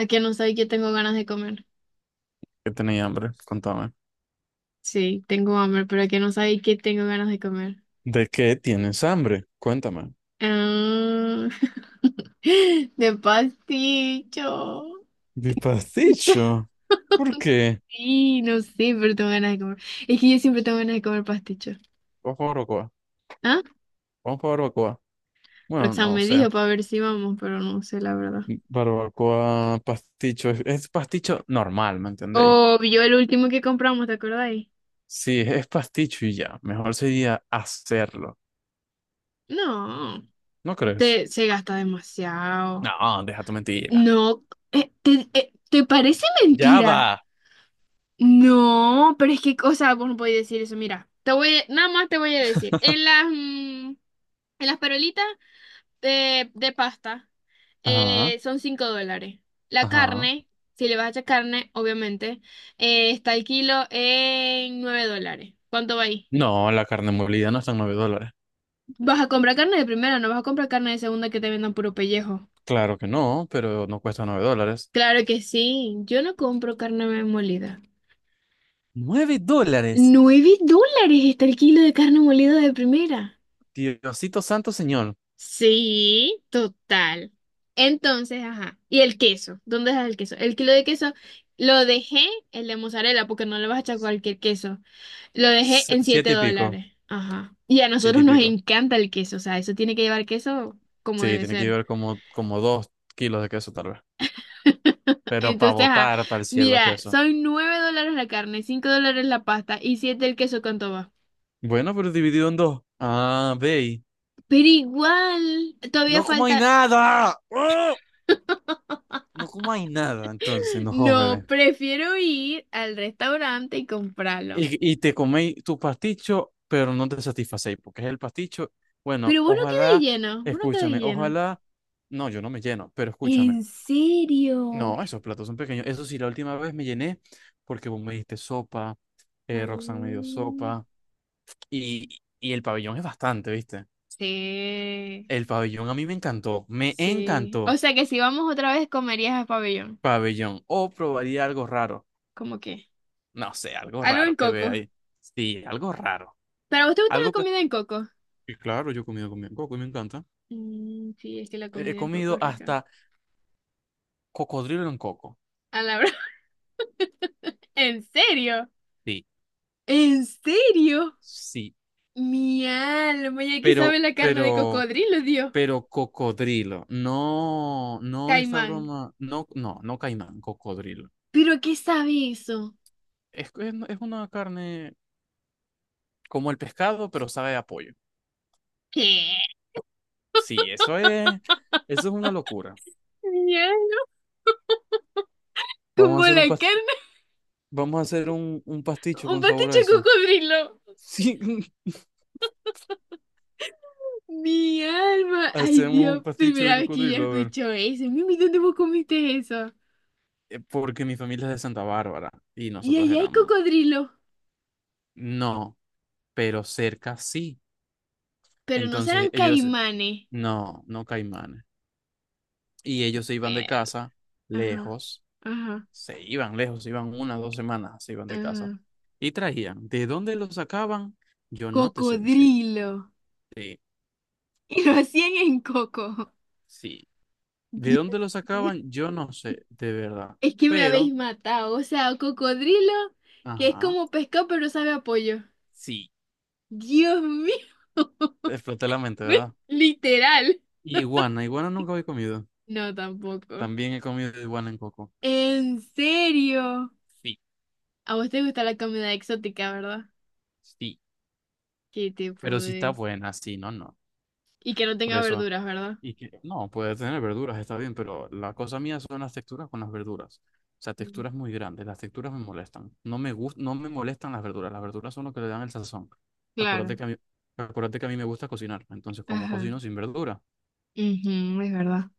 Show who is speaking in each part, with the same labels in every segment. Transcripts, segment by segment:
Speaker 1: ¿A que no sabéis que tengo ganas de comer?
Speaker 2: ¿Que tenéis hambre? Contame.
Speaker 1: Sí, tengo hambre, pero ¿a que no sabéis que tengo ganas de comer?
Speaker 2: ¿De qué tienes hambre? Cuéntame.
Speaker 1: Ah, de pasticho.
Speaker 2: Mi
Speaker 1: Pucha,
Speaker 2: pasticho. ¿Por qué?
Speaker 1: sí, no sé, pero tengo ganas de comer. Es que yo siempre tengo ganas de comer pasticho.
Speaker 2: Vamos por barbacoa.
Speaker 1: ¿Ah?
Speaker 2: Vamos por barbacoa. Bueno,
Speaker 1: Roxanne
Speaker 2: no, o
Speaker 1: me
Speaker 2: sea,
Speaker 1: dijo para ver si vamos, pero no sé la verdad.
Speaker 2: barbacoa, pasticho. Es pasticho normal, ¿me entendéis?
Speaker 1: O yo el último que compramos, ¿te acordáis?
Speaker 2: Sí, es pasticho y ya. Mejor sería hacerlo.
Speaker 1: No,
Speaker 2: ¿No crees?
Speaker 1: se gasta demasiado.
Speaker 2: No, deja tu mentira.
Speaker 1: No, ¿te parece
Speaker 2: Ya
Speaker 1: mentira?
Speaker 2: va.
Speaker 1: No, pero es que, o sea, vos no podés decir eso. Mira, nada más te voy a decir. En las perolitas de pasta
Speaker 2: Ajá,
Speaker 1: son $5. La
Speaker 2: ajá.
Speaker 1: carne, si le vas a echar carne, obviamente, está el kilo en $9. ¿Cuánto va ahí?
Speaker 2: No, la carne molida no está en $9.
Speaker 1: ¿Vas a comprar carne de primera? ¿No vas a comprar carne de segunda que te vendan puro pellejo?
Speaker 2: Claro que no, pero no cuesta $9.
Speaker 1: Claro que sí. Yo no compro carne molida.
Speaker 2: ¿Nueve dólares?
Speaker 1: $9 está el kilo de carne molida de primera.
Speaker 2: Diosito santo señor.
Speaker 1: Sí, total. Entonces, ajá. ¿Y el queso? ¿Dónde dejas el queso? El kilo de queso lo dejé, el de mozzarella, porque no le vas a echar cualquier queso. Lo dejé en 7
Speaker 2: Siete y pico.
Speaker 1: dólares. Ajá. Y a
Speaker 2: Siete
Speaker 1: nosotros
Speaker 2: y
Speaker 1: nos
Speaker 2: pico.
Speaker 1: encanta el queso, o sea, eso tiene que llevar queso como
Speaker 2: Sí,
Speaker 1: debe
Speaker 2: tiene que
Speaker 1: ser.
Speaker 2: llevar como 2 kilos de queso, tal vez. Pero para
Speaker 1: Entonces, ajá.
Speaker 2: botar para el cielo
Speaker 1: Mira,
Speaker 2: queso.
Speaker 1: son $9 la carne, $5 la pasta y siete el queso, ¿cuánto va?
Speaker 2: Bueno, pero dividido en dos. Ah, ve, ahí.
Speaker 1: Pero igual, todavía
Speaker 2: No como
Speaker 1: falta.
Speaker 2: hay nada. ¡Ah! No como hay nada, entonces, no,
Speaker 1: No,
Speaker 2: hombre.
Speaker 1: prefiero ir al restaurante y comprarlo.
Speaker 2: Y te coméis tu pasticho, pero no te satisfacéis, porque es el pasticho. Bueno,
Speaker 1: Pero vos no quedé
Speaker 2: ojalá,
Speaker 1: lleno, vos no quedé
Speaker 2: escúchame,
Speaker 1: lleno.
Speaker 2: ojalá. No, yo no me lleno, pero escúchame.
Speaker 1: ¿En serio?
Speaker 2: No, esos platos son pequeños. Eso sí, la última vez me llené porque vos me diste sopa, Roxanne me dio
Speaker 1: Mm.
Speaker 2: sopa y el pabellón es bastante, ¿viste?
Speaker 1: Sí,
Speaker 2: El pabellón a mí me encantó, me
Speaker 1: sí. O
Speaker 2: encantó.
Speaker 1: sea que si vamos otra vez comerías a pabellón.
Speaker 2: Pabellón, o probaría algo raro.
Speaker 1: ¿Cómo qué?
Speaker 2: No sé, algo
Speaker 1: Algo en
Speaker 2: raro que vea
Speaker 1: coco.
Speaker 2: ahí. Sí, algo raro.
Speaker 1: ¿Pero a vos te gusta la
Speaker 2: Algo que...
Speaker 1: comida en coco?
Speaker 2: Y claro, yo he comido con coco y me encanta.
Speaker 1: Mm, sí, es que la
Speaker 2: He
Speaker 1: comida en coco
Speaker 2: comido
Speaker 1: es rica.
Speaker 2: hasta cocodrilo en coco.
Speaker 1: A la broma. ¿En serio?
Speaker 2: Sí,
Speaker 1: ¿En serio?
Speaker 2: sí.
Speaker 1: Mi alma, ¿y a qué sabe
Speaker 2: Pero,
Speaker 1: la carne de
Speaker 2: pero...
Speaker 1: cocodrilo, Dios?
Speaker 2: pero cocodrilo. No, no esta
Speaker 1: Caimán.
Speaker 2: broma. No, no, no caimán, cocodrilo.
Speaker 1: ¿Pero a qué sabe eso?
Speaker 2: Es una carne como el pescado, pero sabe a pollo.
Speaker 1: ¿Qué?
Speaker 2: Sí, eso es una locura.
Speaker 1: Mi alma,
Speaker 2: Vamos a
Speaker 1: como
Speaker 2: hacer
Speaker 1: la
Speaker 2: un pas-
Speaker 1: carne.
Speaker 2: vamos a hacer un pasticho
Speaker 1: Un
Speaker 2: con sabor a
Speaker 1: pasticho de
Speaker 2: eso.
Speaker 1: cocodrilo.
Speaker 2: Sí,
Speaker 1: Mi alma. Ay,
Speaker 2: hacemos un
Speaker 1: Dios,
Speaker 2: pasticho
Speaker 1: primera
Speaker 2: de
Speaker 1: vez que yo
Speaker 2: cocodrilo, a ver.
Speaker 1: escucho eso. Mimi, ¿dónde vos comiste eso?
Speaker 2: Porque mi familia es de Santa Bárbara y
Speaker 1: Y
Speaker 2: nosotros
Speaker 1: allá hay
Speaker 2: éramos.
Speaker 1: cocodrilo.
Speaker 2: No, pero cerca sí.
Speaker 1: Pero no serán
Speaker 2: Entonces ellos,
Speaker 1: caimanes.
Speaker 2: no, no caimanes y ellos se iban de
Speaker 1: Ver.
Speaker 2: casa
Speaker 1: Ajá,
Speaker 2: lejos,
Speaker 1: ajá,
Speaker 2: lejos, se iban una, dos semanas, se iban de casa
Speaker 1: ajá.
Speaker 2: y traían. ¿De dónde lo sacaban? Yo no te sé decir.
Speaker 1: Cocodrilo.
Speaker 2: Sí,
Speaker 1: Y lo hacían en coco.
Speaker 2: sí. ¿De
Speaker 1: Dios
Speaker 2: dónde lo
Speaker 1: mío.
Speaker 2: sacaban? Yo no sé, de verdad.
Speaker 1: Es que me habéis
Speaker 2: Pero,
Speaker 1: matado. O sea, cocodrilo, que es
Speaker 2: ajá,
Speaker 1: como pescado, pero sabe a pollo.
Speaker 2: sí,
Speaker 1: Dios mío.
Speaker 2: exploté la mente, ¿verdad?
Speaker 1: Literal.
Speaker 2: Iguana, iguana nunca había comido.
Speaker 1: No, tampoco.
Speaker 2: También he comido iguana en coco.
Speaker 1: ¿En serio?
Speaker 2: Sí,
Speaker 1: A vos te gusta la comida exótica, ¿verdad?
Speaker 2: sí,
Speaker 1: ¿Qué te
Speaker 2: pero si está
Speaker 1: puedes?
Speaker 2: buena, sí, no, no.
Speaker 1: Y que no
Speaker 2: Por
Speaker 1: tenga
Speaker 2: eso.
Speaker 1: verduras, ¿verdad?
Speaker 2: Y que no, puede tener verduras, está bien, pero la cosa mía son las texturas con las verduras. O sea,
Speaker 1: Mm.
Speaker 2: texturas muy grandes, las texturas me molestan. No me no me molestan las verduras son lo que le dan el sazón. Acuérdate
Speaker 1: Claro.
Speaker 2: que a mí, acuérdate que a mí me gusta cocinar, entonces como
Speaker 1: Ajá.
Speaker 2: cocino sin verdura.
Speaker 1: Ujú, es verdad.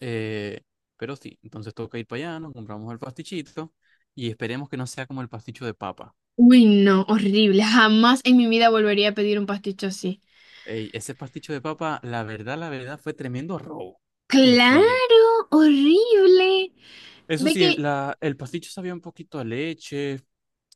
Speaker 2: Eh, pero sí, entonces toca ir para allá, nos compramos el pastichito y esperemos que no sea como el pasticho de papa.
Speaker 1: Uy, no, horrible. Jamás en mi vida volvería a pedir un pasticho así.
Speaker 2: Ey, ese pasticho de papa, la verdad, fue tremendo robo y frío.
Speaker 1: Claro, horrible.
Speaker 2: Eso
Speaker 1: Ve
Speaker 2: sí,
Speaker 1: que
Speaker 2: el, la, el pasticho sabía un poquito a leche.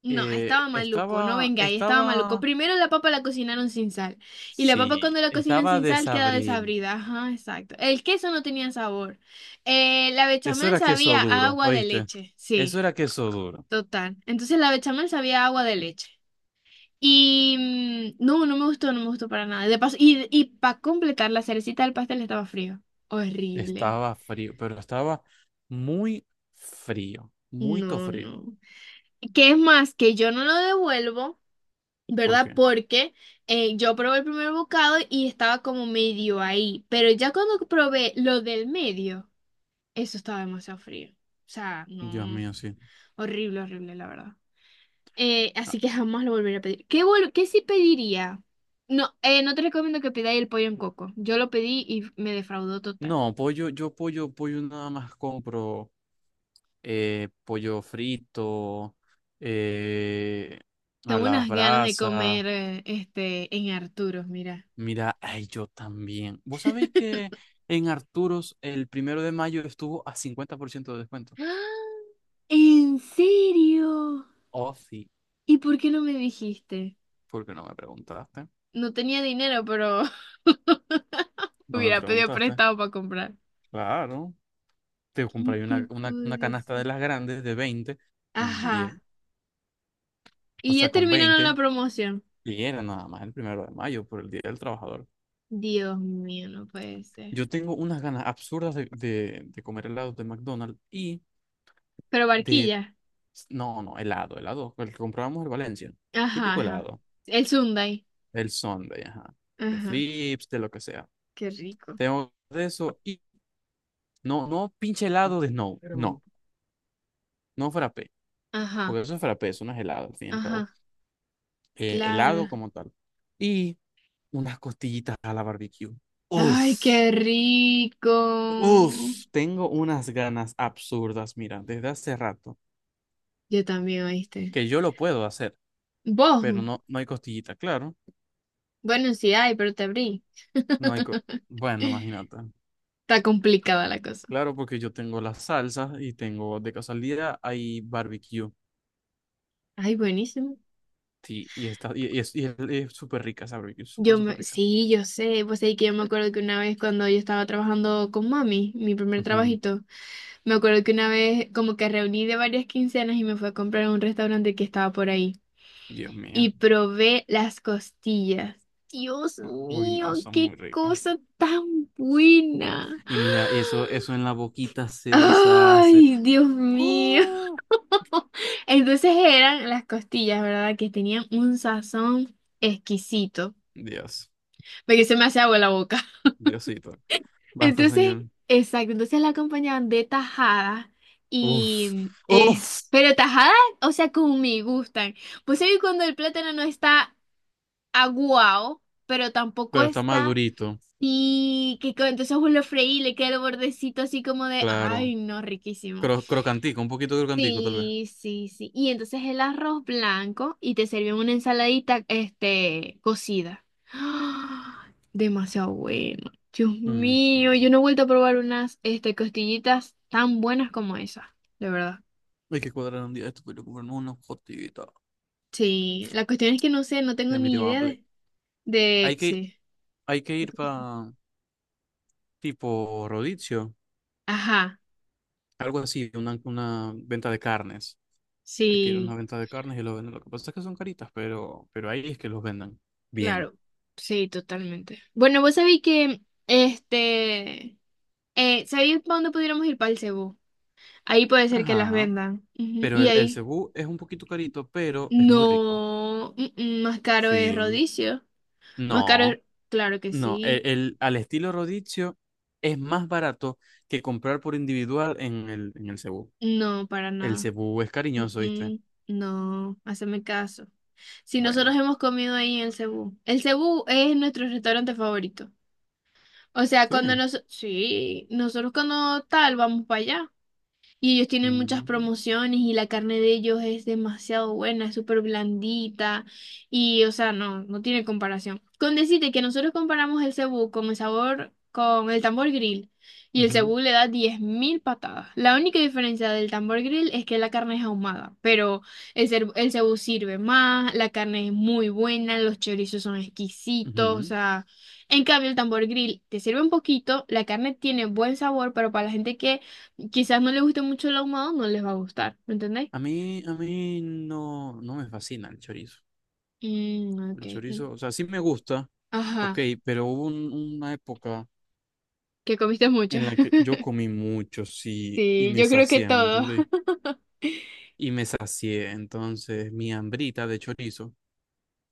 Speaker 1: No,
Speaker 2: Eh,
Speaker 1: estaba maluco, no
Speaker 2: estaba,
Speaker 1: venga ahí, estaba maluco.
Speaker 2: estaba,
Speaker 1: Primero la papa la cocinaron sin sal. Y la papa
Speaker 2: sí,
Speaker 1: cuando la cocinan
Speaker 2: estaba
Speaker 1: sin sal queda
Speaker 2: desabrido.
Speaker 1: desabrida. Ajá, exacto. El queso no tenía sabor. La
Speaker 2: Eso
Speaker 1: bechamel
Speaker 2: era queso
Speaker 1: sabía a
Speaker 2: duro,
Speaker 1: agua de
Speaker 2: ¿oíste?
Speaker 1: leche.
Speaker 2: Eso
Speaker 1: Sí,
Speaker 2: era queso duro.
Speaker 1: total. Entonces la bechamel sabía a agua de leche. Y no, no me gustó, no me gustó para nada. De paso, y para completar, la cerecita del pastel estaba frío. Horrible.
Speaker 2: Estaba frío, pero estaba muy frío, muy to
Speaker 1: No,
Speaker 2: frío.
Speaker 1: no. ¿Qué es más? Que yo no lo devuelvo,
Speaker 2: ¿Por
Speaker 1: ¿verdad?
Speaker 2: qué?
Speaker 1: Porque yo probé el primer bocado y estaba como medio ahí, pero ya cuando probé lo del medio, eso estaba demasiado frío. O sea,
Speaker 2: Dios
Speaker 1: no,
Speaker 2: mío, sí.
Speaker 1: horrible, horrible, la verdad.
Speaker 2: Ah,
Speaker 1: Así que jamás lo volveré a pedir. ¿Qué sí pediría? No, no te recomiendo que pidáis el pollo en coco. Yo lo pedí y me defraudó total.
Speaker 2: no, pollo, yo pollo nada más compro pollo frito, eh, a
Speaker 1: Tengo
Speaker 2: las
Speaker 1: unas ganas de
Speaker 2: brasas.
Speaker 1: comer en Arturos, mira.
Speaker 2: Mira, ay, yo también. ¿Vos sabéis que en Arturos el 1 de mayo estuvo a 50% de descuento?
Speaker 1: ¡Ah! ¿En serio?
Speaker 2: Oh, sí.
Speaker 1: ¿Y por qué no me dijiste?
Speaker 2: ¿Por qué no me preguntaste?
Speaker 1: No tenía dinero, pero
Speaker 2: No me
Speaker 1: Hubiera pedido
Speaker 2: preguntaste.
Speaker 1: prestado para comprar.
Speaker 2: Claro. Te
Speaker 1: ¿Qué
Speaker 2: compré
Speaker 1: te
Speaker 2: una, una,
Speaker 1: puedo
Speaker 2: una canasta de
Speaker 1: decir?
Speaker 2: las grandes de 20 en
Speaker 1: Ajá.
Speaker 2: 10. O
Speaker 1: Y
Speaker 2: sea,
Speaker 1: ya
Speaker 2: con
Speaker 1: terminaron la
Speaker 2: 20.
Speaker 1: promoción.
Speaker 2: Y era nada más el 1 de mayo por el Día del Trabajador.
Speaker 1: Dios mío, no puede ser.
Speaker 2: Yo tengo unas ganas absurdas de, de comer helados de McDonald's y
Speaker 1: Pero
Speaker 2: de...
Speaker 1: Barquilla.
Speaker 2: No, no, helado, helado. El que comprábamos en Valencia.
Speaker 1: Ajá,
Speaker 2: Típico
Speaker 1: ajá.
Speaker 2: helado.
Speaker 1: El Sundae.
Speaker 2: El Sunday, ajá. De
Speaker 1: Ajá.
Speaker 2: flips, de lo que sea.
Speaker 1: Qué rico.
Speaker 2: Tengo de eso y no, no pinche helado de snow.
Speaker 1: Bueno.
Speaker 2: No, no frappé.
Speaker 1: Ajá,
Speaker 2: Porque eso es frappé, eso no es helado, al fin y al cabo.
Speaker 1: ajá. Claro.
Speaker 2: Helado como tal. Y unas costillitas a la barbecue.
Speaker 1: Ay,
Speaker 2: Uf,
Speaker 1: qué rico.
Speaker 2: uf, tengo unas ganas absurdas, mira, desde hace rato,
Speaker 1: Yo también, ¿oíste?
Speaker 2: que yo lo puedo hacer,
Speaker 1: Vos.
Speaker 2: pero no, no hay costillita, claro.
Speaker 1: Bueno, sí hay, pero te abrí.
Speaker 2: No hay bueno, imagínate.
Speaker 1: Está complicada la cosa.
Speaker 2: Claro, porque yo tengo las salsas y tengo de casualidad hay barbecue.
Speaker 1: Ay, buenísimo.
Speaker 2: Sí, y, está, y es y es- y es súper rica esa barbecue, súper, súper rica.
Speaker 1: Sí, yo sé, pues ahí que yo me acuerdo que una vez cuando yo estaba trabajando con mami, mi primer
Speaker 2: Ujú.
Speaker 1: trabajito, me acuerdo que una vez como que reuní de varias quincenas y me fui a comprar a un restaurante que estaba por ahí
Speaker 2: Dios mío.
Speaker 1: y probé las costillas. Dios
Speaker 2: Uy, no,
Speaker 1: mío,
Speaker 2: está muy
Speaker 1: qué
Speaker 2: rico.
Speaker 1: cosa tan buena.
Speaker 2: Y mira, eso en la boquita se deshace.
Speaker 1: Ay, Dios mío.
Speaker 2: ¡Uh!
Speaker 1: Entonces eran las costillas, ¿verdad? Que tenían un sazón exquisito,
Speaker 2: Dios,
Speaker 1: porque se me hace agua la boca.
Speaker 2: Diosito. Basta,
Speaker 1: Entonces,
Speaker 2: señor.
Speaker 1: exacto, entonces la acompañaban de tajada
Speaker 2: Uf,
Speaker 1: y
Speaker 2: uf.
Speaker 1: pero tajada, o sea, como me gustan. Pues ahí cuando el plátano no está aguado, pero tampoco
Speaker 2: Pero está más
Speaker 1: está
Speaker 2: durito,
Speaker 1: entonces vos lo freí y le queda el bordecito así como de,
Speaker 2: claro.
Speaker 1: ay, no, riquísimo.
Speaker 2: Crocantico, un poquito crocantico, tal vez.
Speaker 1: Sí, sí, sí. Y entonces el arroz blanco y te sirven una ensaladita, cocida. ¡Ah! Demasiado bueno. Dios
Speaker 2: Ujú.
Speaker 1: mío, yo no he vuelto a probar unas, costillitas tan buenas como esas, de verdad.
Speaker 2: Hay que cuadrar un día esto, pero comprarnos una gotitas.
Speaker 1: Sí, la cuestión es que no sé, no tengo
Speaker 2: Ya me
Speaker 1: ni
Speaker 2: dio
Speaker 1: idea
Speaker 2: hambre.
Speaker 1: de,
Speaker 2: Hay que,
Speaker 1: sí.
Speaker 2: hay que ir para tipo Rodicio.
Speaker 1: Ajá,
Speaker 2: Algo así, una venta de carnes. Hay que ir a
Speaker 1: sí,
Speaker 2: una venta de carnes y lo venden. Lo que pasa es que son caritas, pero ahí es que los vendan. Bien.
Speaker 1: claro, sí, totalmente. Bueno, vos sabéis que, este, ¿sabéis para dónde pudiéramos ir para el cebú? Ahí puede ser que las
Speaker 2: Ajá.
Speaker 1: vendan. Ujú,
Speaker 2: Pero
Speaker 1: y
Speaker 2: el
Speaker 1: ahí
Speaker 2: cebú es un poquito carito, pero es muy rico.
Speaker 1: no, más caro es
Speaker 2: Sí.
Speaker 1: Rodicio. Más caro es,
Speaker 2: No,
Speaker 1: claro que
Speaker 2: no. El,
Speaker 1: sí.
Speaker 2: el- al estilo rodicio es más barato que comprar por individual en el cebú.
Speaker 1: No, para
Speaker 2: El
Speaker 1: nada.
Speaker 2: cebú es
Speaker 1: Mm,
Speaker 2: cariñoso, ¿viste?
Speaker 1: mm, No, haceme caso. Si nosotros
Speaker 2: Bueno.
Speaker 1: hemos comido ahí en el Cebú. El Cebú es nuestro restaurante favorito. O sea,
Speaker 2: Sí.
Speaker 1: sí, nosotros cuando tal vamos para allá. Y ellos tienen muchas
Speaker 2: Mm,
Speaker 1: promociones y la carne de ellos es demasiado buena, es súper blandita y, o sea, no, no tiene comparación. Con decirte que nosotros comparamos el cebú con el sabor, con el tambor grill y el
Speaker 2: ujú,
Speaker 1: cebú le da 10.000 patadas. La única diferencia del tambor grill es que la carne es ahumada, pero el cebú sirve más, la carne es muy buena, los chorizos son exquisitos, o
Speaker 2: ujú.
Speaker 1: sea... En cambio, el tambor grill te sirve un poquito, la carne tiene buen sabor, pero para la gente que quizás no les guste mucho el ahumado, no les va a gustar, ¿me entendéis?
Speaker 2: A mí no, no me fascina el chorizo.
Speaker 1: Mm, ok.
Speaker 2: El
Speaker 1: Mm.
Speaker 2: chorizo, o sea, sí me gusta,
Speaker 1: Ajá,
Speaker 2: ok, pero hubo una época
Speaker 1: que comiste mucho.
Speaker 2: en la que yo comí mucho, sí, y
Speaker 1: Sí,
Speaker 2: me
Speaker 1: yo creo que
Speaker 2: sacié, ¿me
Speaker 1: todo.
Speaker 2: entendéis? Y me sacié, entonces mi hambrita de chorizo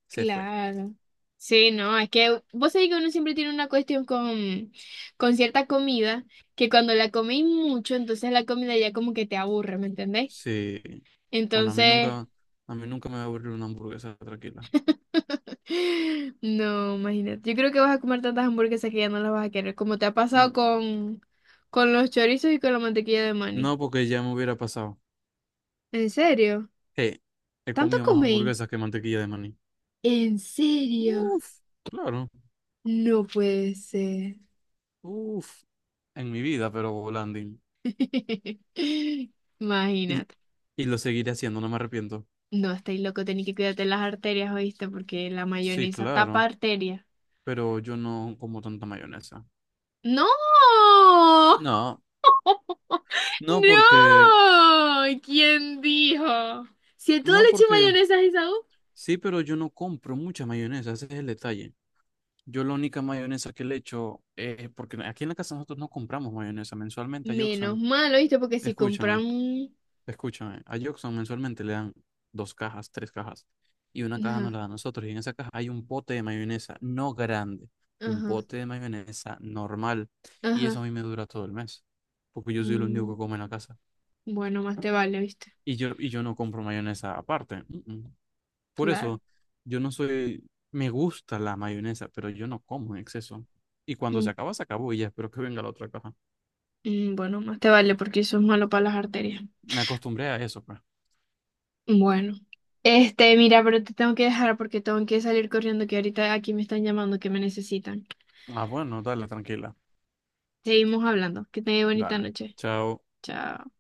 Speaker 2: se fue.
Speaker 1: Claro. Sí, no, es que vos sabés que uno siempre tiene una cuestión con cierta comida, que cuando la coméis mucho, entonces la comida ya como que te aburre, ¿me entendéis?
Speaker 2: Sí. Bueno, a mí
Speaker 1: Entonces,
Speaker 2: nunca, a mí nunca me va a aburrir una hamburguesa tranquila.
Speaker 1: no, imagínate. Yo creo que vas a comer tantas hamburguesas que ya no las vas a querer, como te ha pasado
Speaker 2: Mm, no,
Speaker 1: con los chorizos y con la mantequilla de maní.
Speaker 2: no, porque ya me hubiera pasado.
Speaker 1: ¿En serio?
Speaker 2: Eh, he
Speaker 1: ¿Tanto
Speaker 2: comido más
Speaker 1: comí?
Speaker 2: hamburguesas que mantequilla de maní.
Speaker 1: ¿En serio?
Speaker 2: Uf, claro,
Speaker 1: No puede ser.
Speaker 2: uf, en mi vida, pero volandín. Y,
Speaker 1: Imagínate.
Speaker 2: y lo seguiré haciendo, no me arrepiento.
Speaker 1: No, estáis loco, tenéis que cuidarte las arterias, ¿oíste? Porque la
Speaker 2: Sí,
Speaker 1: mayonesa tapa
Speaker 2: claro,
Speaker 1: arterias.
Speaker 2: pero yo no como tanta mayonesa.
Speaker 1: ¡No!
Speaker 2: No, no porque,
Speaker 1: ¡No! ¿Quién dijo? Si a todo
Speaker 2: no
Speaker 1: le eché
Speaker 2: porque,
Speaker 1: mayonesa a Isaú,
Speaker 2: sí, pero yo no compro mucha mayonesa, ese es el detalle. Yo la única mayonesa que le echo es porque aquí en la casa nosotros no compramos mayonesa mensualmente a
Speaker 1: menos
Speaker 2: Yoxan.
Speaker 1: mal, ¿oíste? Porque si
Speaker 2: Escúchame,
Speaker 1: compran...
Speaker 2: escúchame, a Yoxan mensualmente le dan 2 cajas, 3 cajas y una caja nos
Speaker 1: Ajá,
Speaker 2: la dan a nosotros y en esa caja hay un pote de mayonesa, no grande, un
Speaker 1: ajá,
Speaker 2: pote de mayonesa normal y
Speaker 1: ajá.
Speaker 2: eso a mí me dura todo el mes porque yo soy el único
Speaker 1: Mm,
Speaker 2: que come en la casa.
Speaker 1: bueno, más te vale, ¿oíste?
Speaker 2: Y yo no compro mayonesa aparte. Mm, mm. Por
Speaker 1: Claro.
Speaker 2: eso, yo no soy, me gusta la mayonesa, pero yo no como en exceso. Y cuando
Speaker 1: Mm,
Speaker 2: se acaba, se acabó y ya espero que venga la otra caja.
Speaker 1: bueno, más te vale porque eso es malo para las arterias.
Speaker 2: Me acostumbré a eso, pues.
Speaker 1: Bueno, mira, pero te tengo que dejar porque tengo que salir corriendo, que ahorita aquí me están llamando, que me necesitan.
Speaker 2: Ah, bueno, dale, tranquila.
Speaker 1: Seguimos hablando. Que tengas bonita
Speaker 2: Dale.
Speaker 1: noche.
Speaker 2: Chao.
Speaker 1: Chao.